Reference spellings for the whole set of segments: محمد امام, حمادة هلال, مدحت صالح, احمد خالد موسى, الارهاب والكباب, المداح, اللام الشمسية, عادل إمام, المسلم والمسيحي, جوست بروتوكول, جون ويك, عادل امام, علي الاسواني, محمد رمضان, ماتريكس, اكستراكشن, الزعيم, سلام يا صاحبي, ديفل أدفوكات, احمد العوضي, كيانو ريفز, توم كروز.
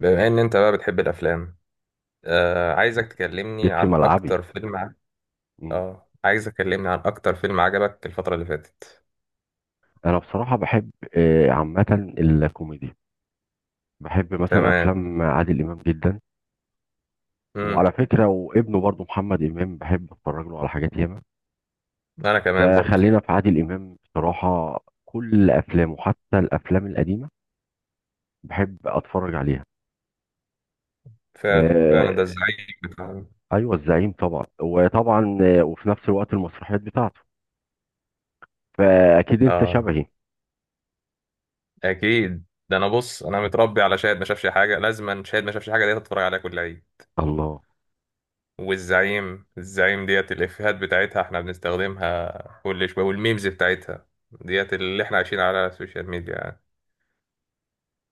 بما ان انت بقى بتحب الافلام. آه عايزك تكلمني جيت في عن ملعبي. اكتر فيلم ع... مم. اه عايزك تكلمني عن اكتر فيلم عجبك الفترة اللي فاتت. انا بصراحه بحب، عامه الكوميدي. بحب مثلا تمام. افلام عادل امام جدا، امم وعلى فكره وابنه برضو محمد امام بحب اتفرج له على حاجات ياما. انا كمان برضو. فخلينا في عادل امام، بصراحه كل افلامه حتى الافلام القديمه بحب اتفرج عليها. فعلا فعلا، ده آه، ازاي؟ بتاع- ايوه الزعيم طبعا، وطبعا وفي نفس الوقت المسرحيات بتاعته، فاكيد انت اه، شبهي. اكيد. ده انا بص، انا متربي على شاهد ما شافش حاجة، لازما شاهد ما شافش حاجة ديت اتفرج عليها كل عيد. الله. والزعيم، الزعيم ديت الافيهات بتاعتها احنا بنستخدمها كل شوية، والميمز بتاعتها ديت اللي احنا عايشين على السوشيال ميديا يعني.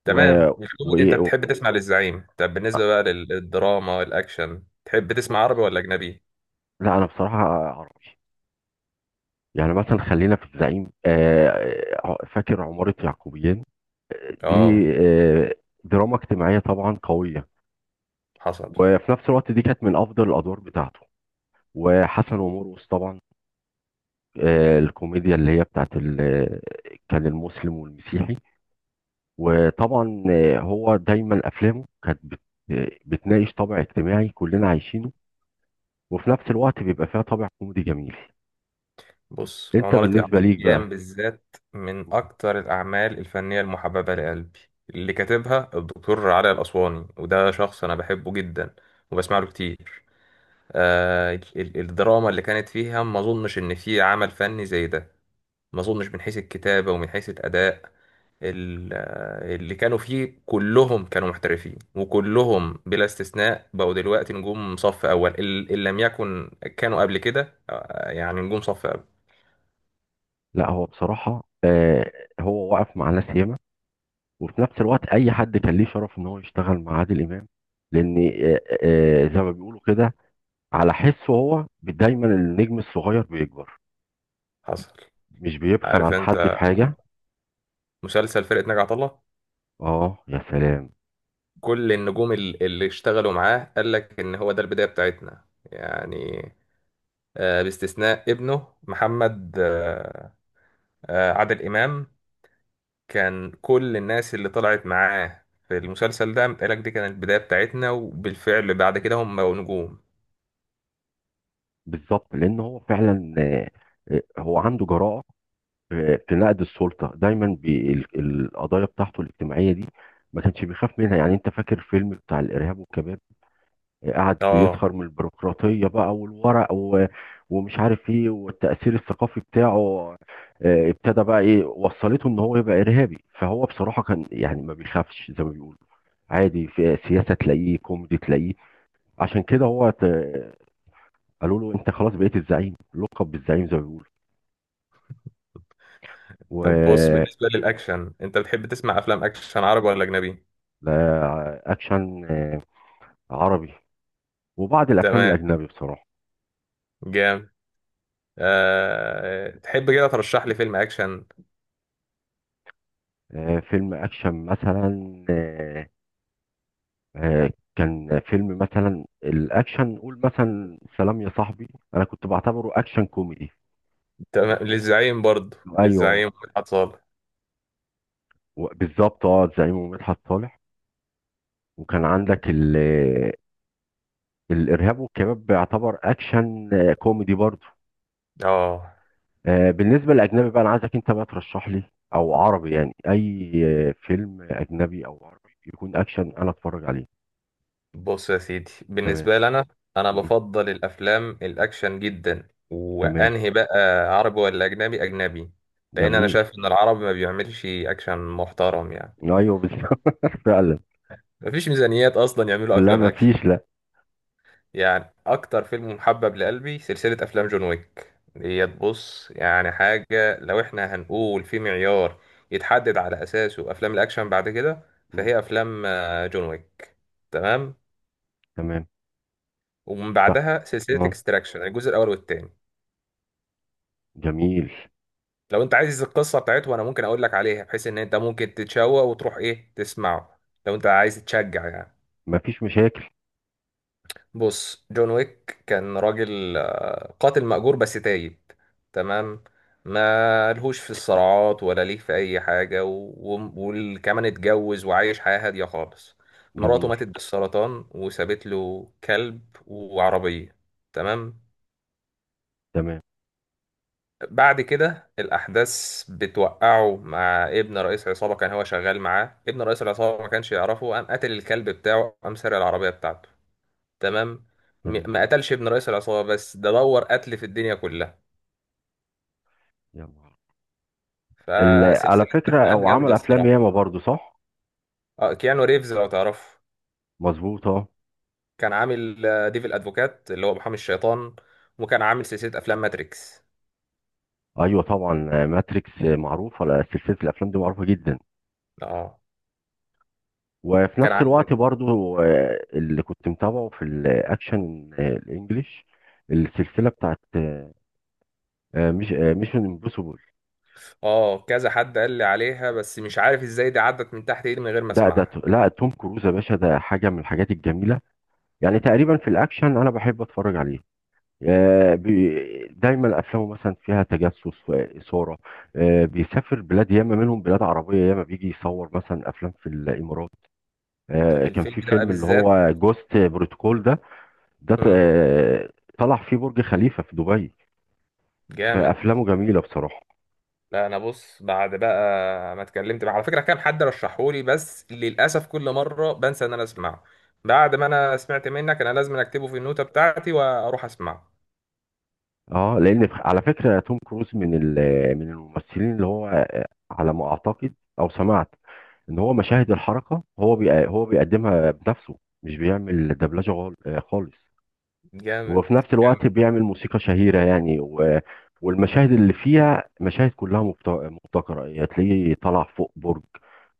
و... تمام، و... الكوميدي انت و... بتحب تسمع للزعيم. طب بالنسبة بقى للدراما والاكشن، تحب تسمع بص، عربي ولا اجنبي؟ لا انا بصراحه عربي، يعني مثلا خلينا في الزعيم. فاكر عمارة يعقوبيان دي؟ اه. آه، دراما اجتماعية طبعا قوية، حصل. وفي نفس الوقت دي كانت من أفضل الأدوار بتاعته. وحسن ومرقص طبعا، الكوميديا اللي هي بتاعت كان المسلم والمسيحي. وطبعا، هو دايما أفلامه كانت بتناقش طابع اجتماعي كلنا عايشينه، وفي نفس الوقت بيبقى فيها طابع كوميدي جميل. بص، انت عمارة بالنسبة ليك بقى. يعقوبيان بالذات من اكتر الاعمال الفنية المحببة لقلبي، اللي كاتبها الدكتور علي الاسواني، وده شخص انا بحبه جدا وبسمع له كتير. الدراما اللي كانت فيها، ما اظنش ان في عمل فني زي ده، ما اظنش من حيث الكتابة ومن حيث الاداء. ال- اللي كانوا فيه كلهم كانوا محترفين، وكلهم بلا استثناء بقوا دلوقتي نجوم صف أول. ال- اللي لم يكن كانوا قبل كده يعني نجوم صف أول. لا هو بصراحة هو واقف مع ناس ياما، وفي نفس الوقت اي حد كان ليه شرف ان هو يشتغل مع عادل امام. لان زي ما بيقولوا كده، على حسه هو دايما النجم الصغير بيكبر، حصل. مش بيبخل عارف عن حد أنت في حاجه. مسلسل فرقة ناجي عطا الله؟ اه يا سلام. كل النجوم اللي اشتغلوا معاه قال لك إن هو ده البداية بتاعتنا يعني. باستثناء ابنه محمد، عادل إمام كان كل الناس اللي طلعت معاه في المسلسل ده متقالك دي كانت البداية بتاعتنا، وبالفعل بعد كده هم بقوا نجوم. بالظبط، لان هو فعلا هو عنده جراءه في نقد السلطه دايما القضايا بتاعته الاجتماعيه دي ما كانش بيخاف منها. يعني انت فاكر فيلم بتاع الارهاب والكباب؟ قعد اه. يسخر من البيروقراطية بقى والورق ومش عارف ايه، والتأثير الثقافي بتاعه ابتدى بقى ايه وصلته ان هو يبقى إرهابي. فهو بصراحة كان يعني ما بيخافش، زي ما بيقولوا عادي، في سياسة تلاقيه كوميدي تلاقيه. عشان كده هو قالوا له انت خلاص بقيت الزعيم، لقب بالزعيم زي ما بيقولوا. طب بص، و بالنسبة للأكشن أنت بتحب تسمع أفلام أكشن عربي ولا أجنبي؟ لا، اكشن عربي، وبعض الافلام تمام. الاجنبي بصراحة. جامد. تحب كده ترشح لي فيلم أكشن؟ فيلم اكشن مثلا، آه، كان فيلم مثلا الاكشن نقول مثلا سلام يا صاحبي، انا كنت بعتبره اكشن كوميدي. تمام، للزعيم برضه، ايوه، للزعيم مدحت صالح. بالظبط، اه زعيم ومدحت صالح. وكان عندك الارهاب والكباب بيعتبر اكشن كوميدي برضه. اه. بالنسبه للاجنبي بقى انا عايزك انت بقى ترشح لي، او عربي يعني، اي فيلم اجنبي او عربي يكون اكشن انا اتفرج عليه. بص يا سيدي، تمام. بالنسبة لي أنا مم. بفضل الأفلام الأكشن جدا. تمام. وأنهي بقى، عربي ولا أجنبي؟ أجنبي. لأن أنا جميل. شايف إن العربي ما بيعملش أكشن محترم، يعني ايوه بالظبط فعلا. مفيش ميزانيات أصلا يعملوا لا أفلام ما أكشن. فيش لا. يعني أكتر فيلم محبب لقلبي سلسلة أفلام جون ويك. ديت بص، يعني حاجة، لو إحنا هنقول في معيار يتحدد على أساسه أفلام الأكشن بعد كده، مم. فهي أفلام جون ويك. تمام. تمام. ومن طب بعدها سلسلة اه اكستراكشن، الجزء الأول والتاني. جميل. لو انت عايز القصه بتاعته، انا ممكن اقول لك عليها، بحيث ان انت ممكن تتشوق وتروح ايه تسمعه، لو انت عايز تشجع يعني. مفيش مشاكل. بص، جون ويك كان راجل قاتل مأجور بس تايب. تمام. ما لهوش في الصراعات ولا ليه في اي حاجه، وكمان اتجوز وعايش حياه هاديه خالص. مراته جميل. ماتت بالسرطان وسابت له كلب وعربيه. تمام. تمام. بعد كده الأحداث بتوقعه مع ابن رئيس عصابة كان هو شغال معاه. ابن رئيس العصابة ما كانش يعرفه، قام قتل الكلب بتاعه، قام سرق العربية بتاعته. تمام. تمام. ما قتلش ابن رئيس العصابة، بس ده دور قتل في الدنيا كلها. يلا. على فسلسلة فكرة أفلام هو عمل جامدة أفلام الصراحة. ياما برضو صح؟ اه، كيانو ريفز لو تعرفه. مظبوطة. كان عامل ديفل أدفوكات، اللي هو محامي الشيطان. وكان عامل سلسلة أفلام ماتريكس. أيوة طبعا، ماتريكس معروفة، لا، سلسلة الأفلام دي معروفة جدا. اه. وفي كان نفس الوقت عندك برضو اللي كنت متابعه في الأكشن الإنجليش، السلسلة بتاعت مش ميشن امبوسيبل. اه كذا حد قال لي عليها، بس مش عارف ازاي دي عدت من تحت ايدي من غير ما ده اسمعها. لا توم كروز يا باشا، ده حاجة من الحاجات الجميلة. يعني تقريبا في الأكشن أنا بحب أتفرج عليه. دايما افلامه مثلا فيها تجسس واثاره. بيسافر بلاد ياما، منهم بلاد عربيه، ياما بيجي يصور مثلا افلام في الامارات. لا كان الفيلم في ده بقى فيلم اللي بالذات. هو جوست بروتوكول ده. ده ت- مم. آه، طلع فيه برج خليفه في دبي. جامد. فافلامه جميله بصراحه. لا انا بص، بعد بقى ما اتكلمت، مع على فكره كام حد رشحولي، بس للاسف كل مره بنسى ان انا اسمعه. بعد ما انا سمعت منك انا لازم اكتبه في النوتة بتاعتي واروح اسمعه. اه لان على فكره توم كروز من من الممثلين اللي هو على ما اعتقد او سمعت ان هو مشاهد الحركه هو هو بيقدمها بنفسه، مش بيعمل دبلجه خالص. جامد. وفي نفس جامد الوقت بيعمل موسيقى شهيرة يعني والمشاهد اللي فيها مشاهد كلها مبتكرة. يعني تلاقيه طلع فوق برج،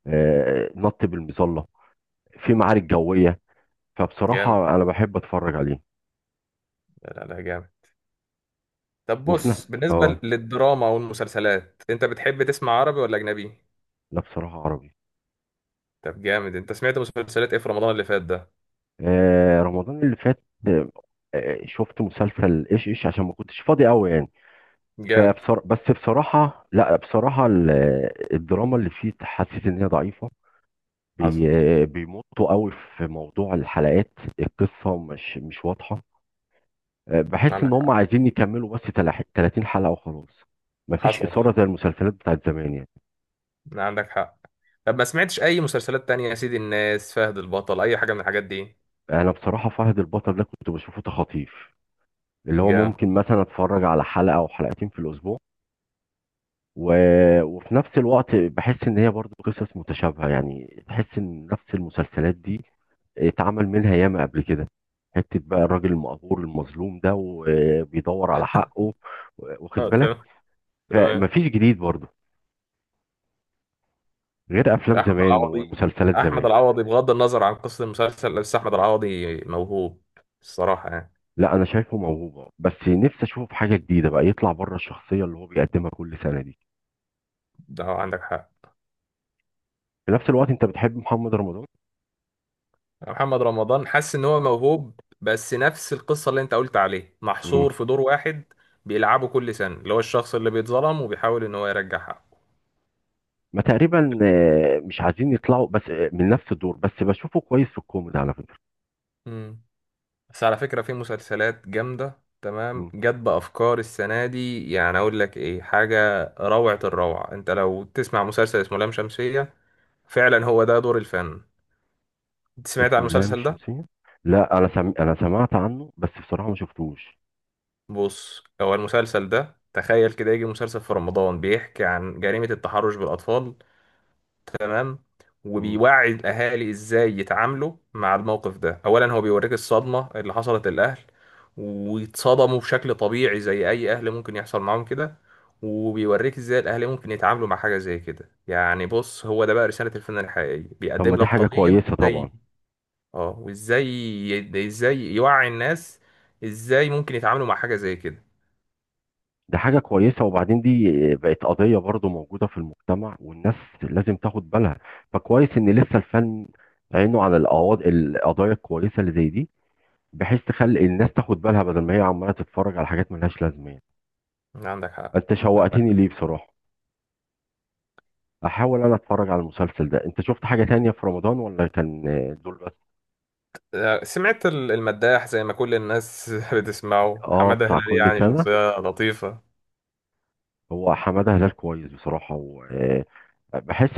نط بالمظلة، في معارك جوية. جامد. فبصراحة أنا بحب أتفرج عليه. لا لا لا، جامد. طب وفي نفس. بص، بالنسبه اه، للدراما والمسلسلات انت بتحب تسمع عربي ولا اجنبي؟ لا بصراحة عربي. طب جامد، انت سمعت مسلسلات ايه في رمضان اللي فات ده؟ رمضان اللي فات شفت مسلسل ايش ايش، عشان ما كنتش فاضي قوي يعني. جامد. بس بصراحة، لا بصراحة الدراما اللي فيه حسيت ان هي ضعيفة، حصل. بي بيمطوا قوي في موضوع الحلقات. القصة مش واضحة. بحس ان عندك هم حق. عايزين يكملوا بس 30 حلقة وخلاص. مفيش حصل. إثارة زي المسلسلات بتاعت زمان يعني. عندك حق. طب ما سمعتش اي مسلسلات تانية يا سيدي، الناس فهد البطل، اي حاجة من الحاجات دي؟ انا بصراحة فهد البطل ده كنت بشوفه تخاطيف، اللي هو جامد. ممكن مثلا اتفرج على حلقة او حلقتين في الاسبوع. و... وفي نفس الوقت بحس ان هي برضو قصص متشابهه، يعني تحس ان نفس المسلسلات دي اتعمل منها ياما قبل كده. حته بقى الراجل المقهور المظلوم ده وبيدور على حقه، واخد بالك. تمام. تمام. فمفيش جديد برضو، غير افلام احمد زمان العوضي، ومسلسلات احمد زمان. العوضي بغض النظر عن قصة المسلسل، بس احمد العوضي موهوب الصراحة يعني. لا انا شايفه موهوبه، بس نفسي اشوفه في حاجه جديده بقى، يطلع بره الشخصيه اللي هو بيقدمها كل سنه دي. ده عندك حق. في نفس الوقت انت بتحب محمد رمضان. محمد رمضان حاسس ان هو موهوب، بس نفس القصة اللي انت قلت عليه، محصور في دور واحد بيلعبه كل سنة، اللي هو الشخص اللي بيتظلم وبيحاول ان هو يرجع حقه. ما تقريبا مش عايزين يطلعوا بس من نفس الدور، بس بشوفه كويس في الكوميدي على فكرة. مم. بس على فكرة في مسلسلات جامدة تمام مم. جت بأفكار السنة دي، يعني أقول لك إيه، حاجة روعة الروعة، أنت لو تسمع مسلسل اسمه لام شمسية. فعلا هو ده دور الفن. أنت سمعت عن اسمه اللام المسلسل ده؟ الشمسية. لا انا انا سمعت عنه، بس بصراحة ما شفتوش. بص هو المسلسل ده، تخيل كده يجي مسلسل في رمضان بيحكي عن جريمة التحرش بالأطفال. تمام. مم. وبيوعي الاهالي ازاي يتعاملوا مع الموقف ده، اولا هو بيوريك الصدمه اللي حصلت للاهل. ويتصدموا بشكل طبيعي زي اي اهل ممكن يحصل معاهم كده. وبيوريك ازاي الاهل ممكن يتعاملوا مع حاجه زي كده، يعني بص هو ده بقى رساله الفن الحقيقيه، طب ما بيقدم دي لك حاجة قضيه كويسة وازاي. طبعا. اه، وازاي، ازاي يوعي الناس، ازاي ممكن يتعاملوا مع حاجه زي كده. دي حاجة كويسة، وبعدين دي بقت قضية برضو موجودة في المجتمع، والناس لازم تاخد بالها. فكويس ان لسه الفن عينه على القضايا الكويسة اللي زي دي، بحيث تخلي الناس تاخد بالها، بدل ما هي عمالة تتفرج على حاجات ملهاش لازمة يعني. عندك حق. انت عندك شوقتني ليه بصراحة. احاول انا اتفرج على المسلسل ده. انت شفت حاجة تانية في رمضان، ولا كان دول بس؟ سمعت المداح زي ما كل الناس بتسمعه. اه حمادة بتاع هلال كل يعني سنة. شخصية لطيفة. هو حمادة هلال كويس بصراحة، وبحس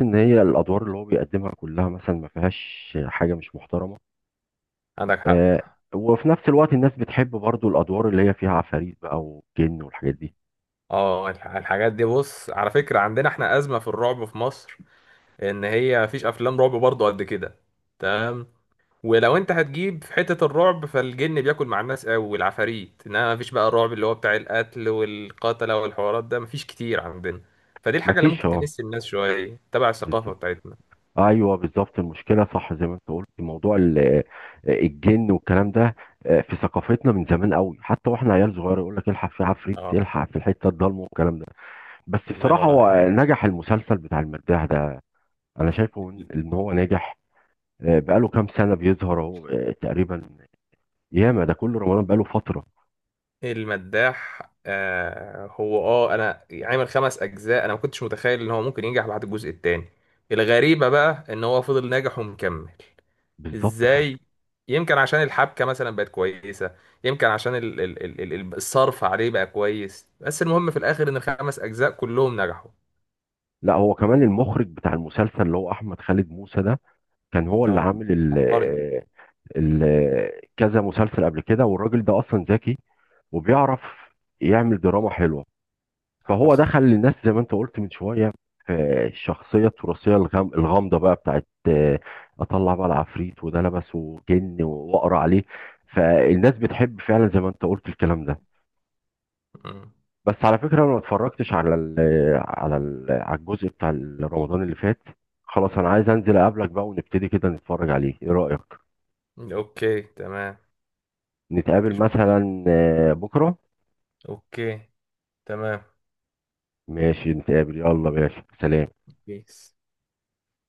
ان هي الادوار اللي هو بيقدمها كلها مثلا ما فيهاش حاجة مش محترمة. عندك حق. آه، وفي نفس الوقت الناس بتحب برضو الادوار اللي هي فيها عفاريت بقى وجن والحاجات دي. اه، الحاجات دي، بص على فكرة عندنا احنا أزمة في الرعب في مصر. إن هي مفيش أفلام رعب برضه قد كده. تمام. ولو أنت هتجيب في حتة الرعب، فالجن بياكل مع الناس أوي والعفاريت، إنما مفيش بقى الرعب اللي هو بتاع القتل والقتلة والحوارات ده مفيش كتير عندنا. فدي الحاجة اللي مفيش ممكن اه. تلس الناس شوية تبع الثقافة بالظبط. بتاعتنا. ايوه بالظبط المشكله، صح زي ما انت قلت، موضوع الجن والكلام ده في ثقافتنا من زمان قوي، حتى واحنا عيال صغيره يقول لك الحق في عفريت، اه. الحق في الحته الضلمه والكلام ده. بس الله بصراحه ينور عليك. هو نجح المسلسل بتاع المداح ده. انا شايفه ان إن هو ناجح، بقاله كام سنه بيظهر اهو، تقريبا ياما ده كل رمضان بقاله فتره. المداح، آه هو اه انا عامل 5 أجزاء، انا ما كنتش متخيل ان هو ممكن ينجح بعد الجزء الثاني. الغريبه بقى ان هو فضل ناجح ومكمل. بالظبط. ازاي؟ يمكن عشان الحبكه مثلا بقت كويسه. يمكن عشان الصرف عليه بقى كويس، بس المهم في الاخر ان الـ5 أجزاء كلهم نجحوا. لا هو كمان المخرج بتاع المسلسل اللي هو احمد خالد موسى ده كان هو اللي اه. عامل ال عبقري. آه، ال آه، كذا مسلسل قبل كده، والراجل ده اصلا ذكي وبيعرف يعمل دراما حلوة. فهو حصل. دخل للناس زي ما انت قلت من شوية في الشخصية التراثية الغامضة بقى بتاعت أطلع بقى العفريت، وده لبسه جن وأقرأ عليه. فالناس بتحب فعلا زي ما انت قلت الكلام ده. مم. بس على فكرة أنا ما اتفرجتش على ال على ال على الجزء بتاع رمضان اللي فات. خلاص أنا عايز أنزل أقابلك بقى، ونبتدي كده نتفرج عليه، إيه رأيك؟ اوكي. تمام. نتقابل مفيش مشكله. مثلا بكرة. اوكي. تمام. ماشي نتقابل، يلا ماشي سلام. بيس.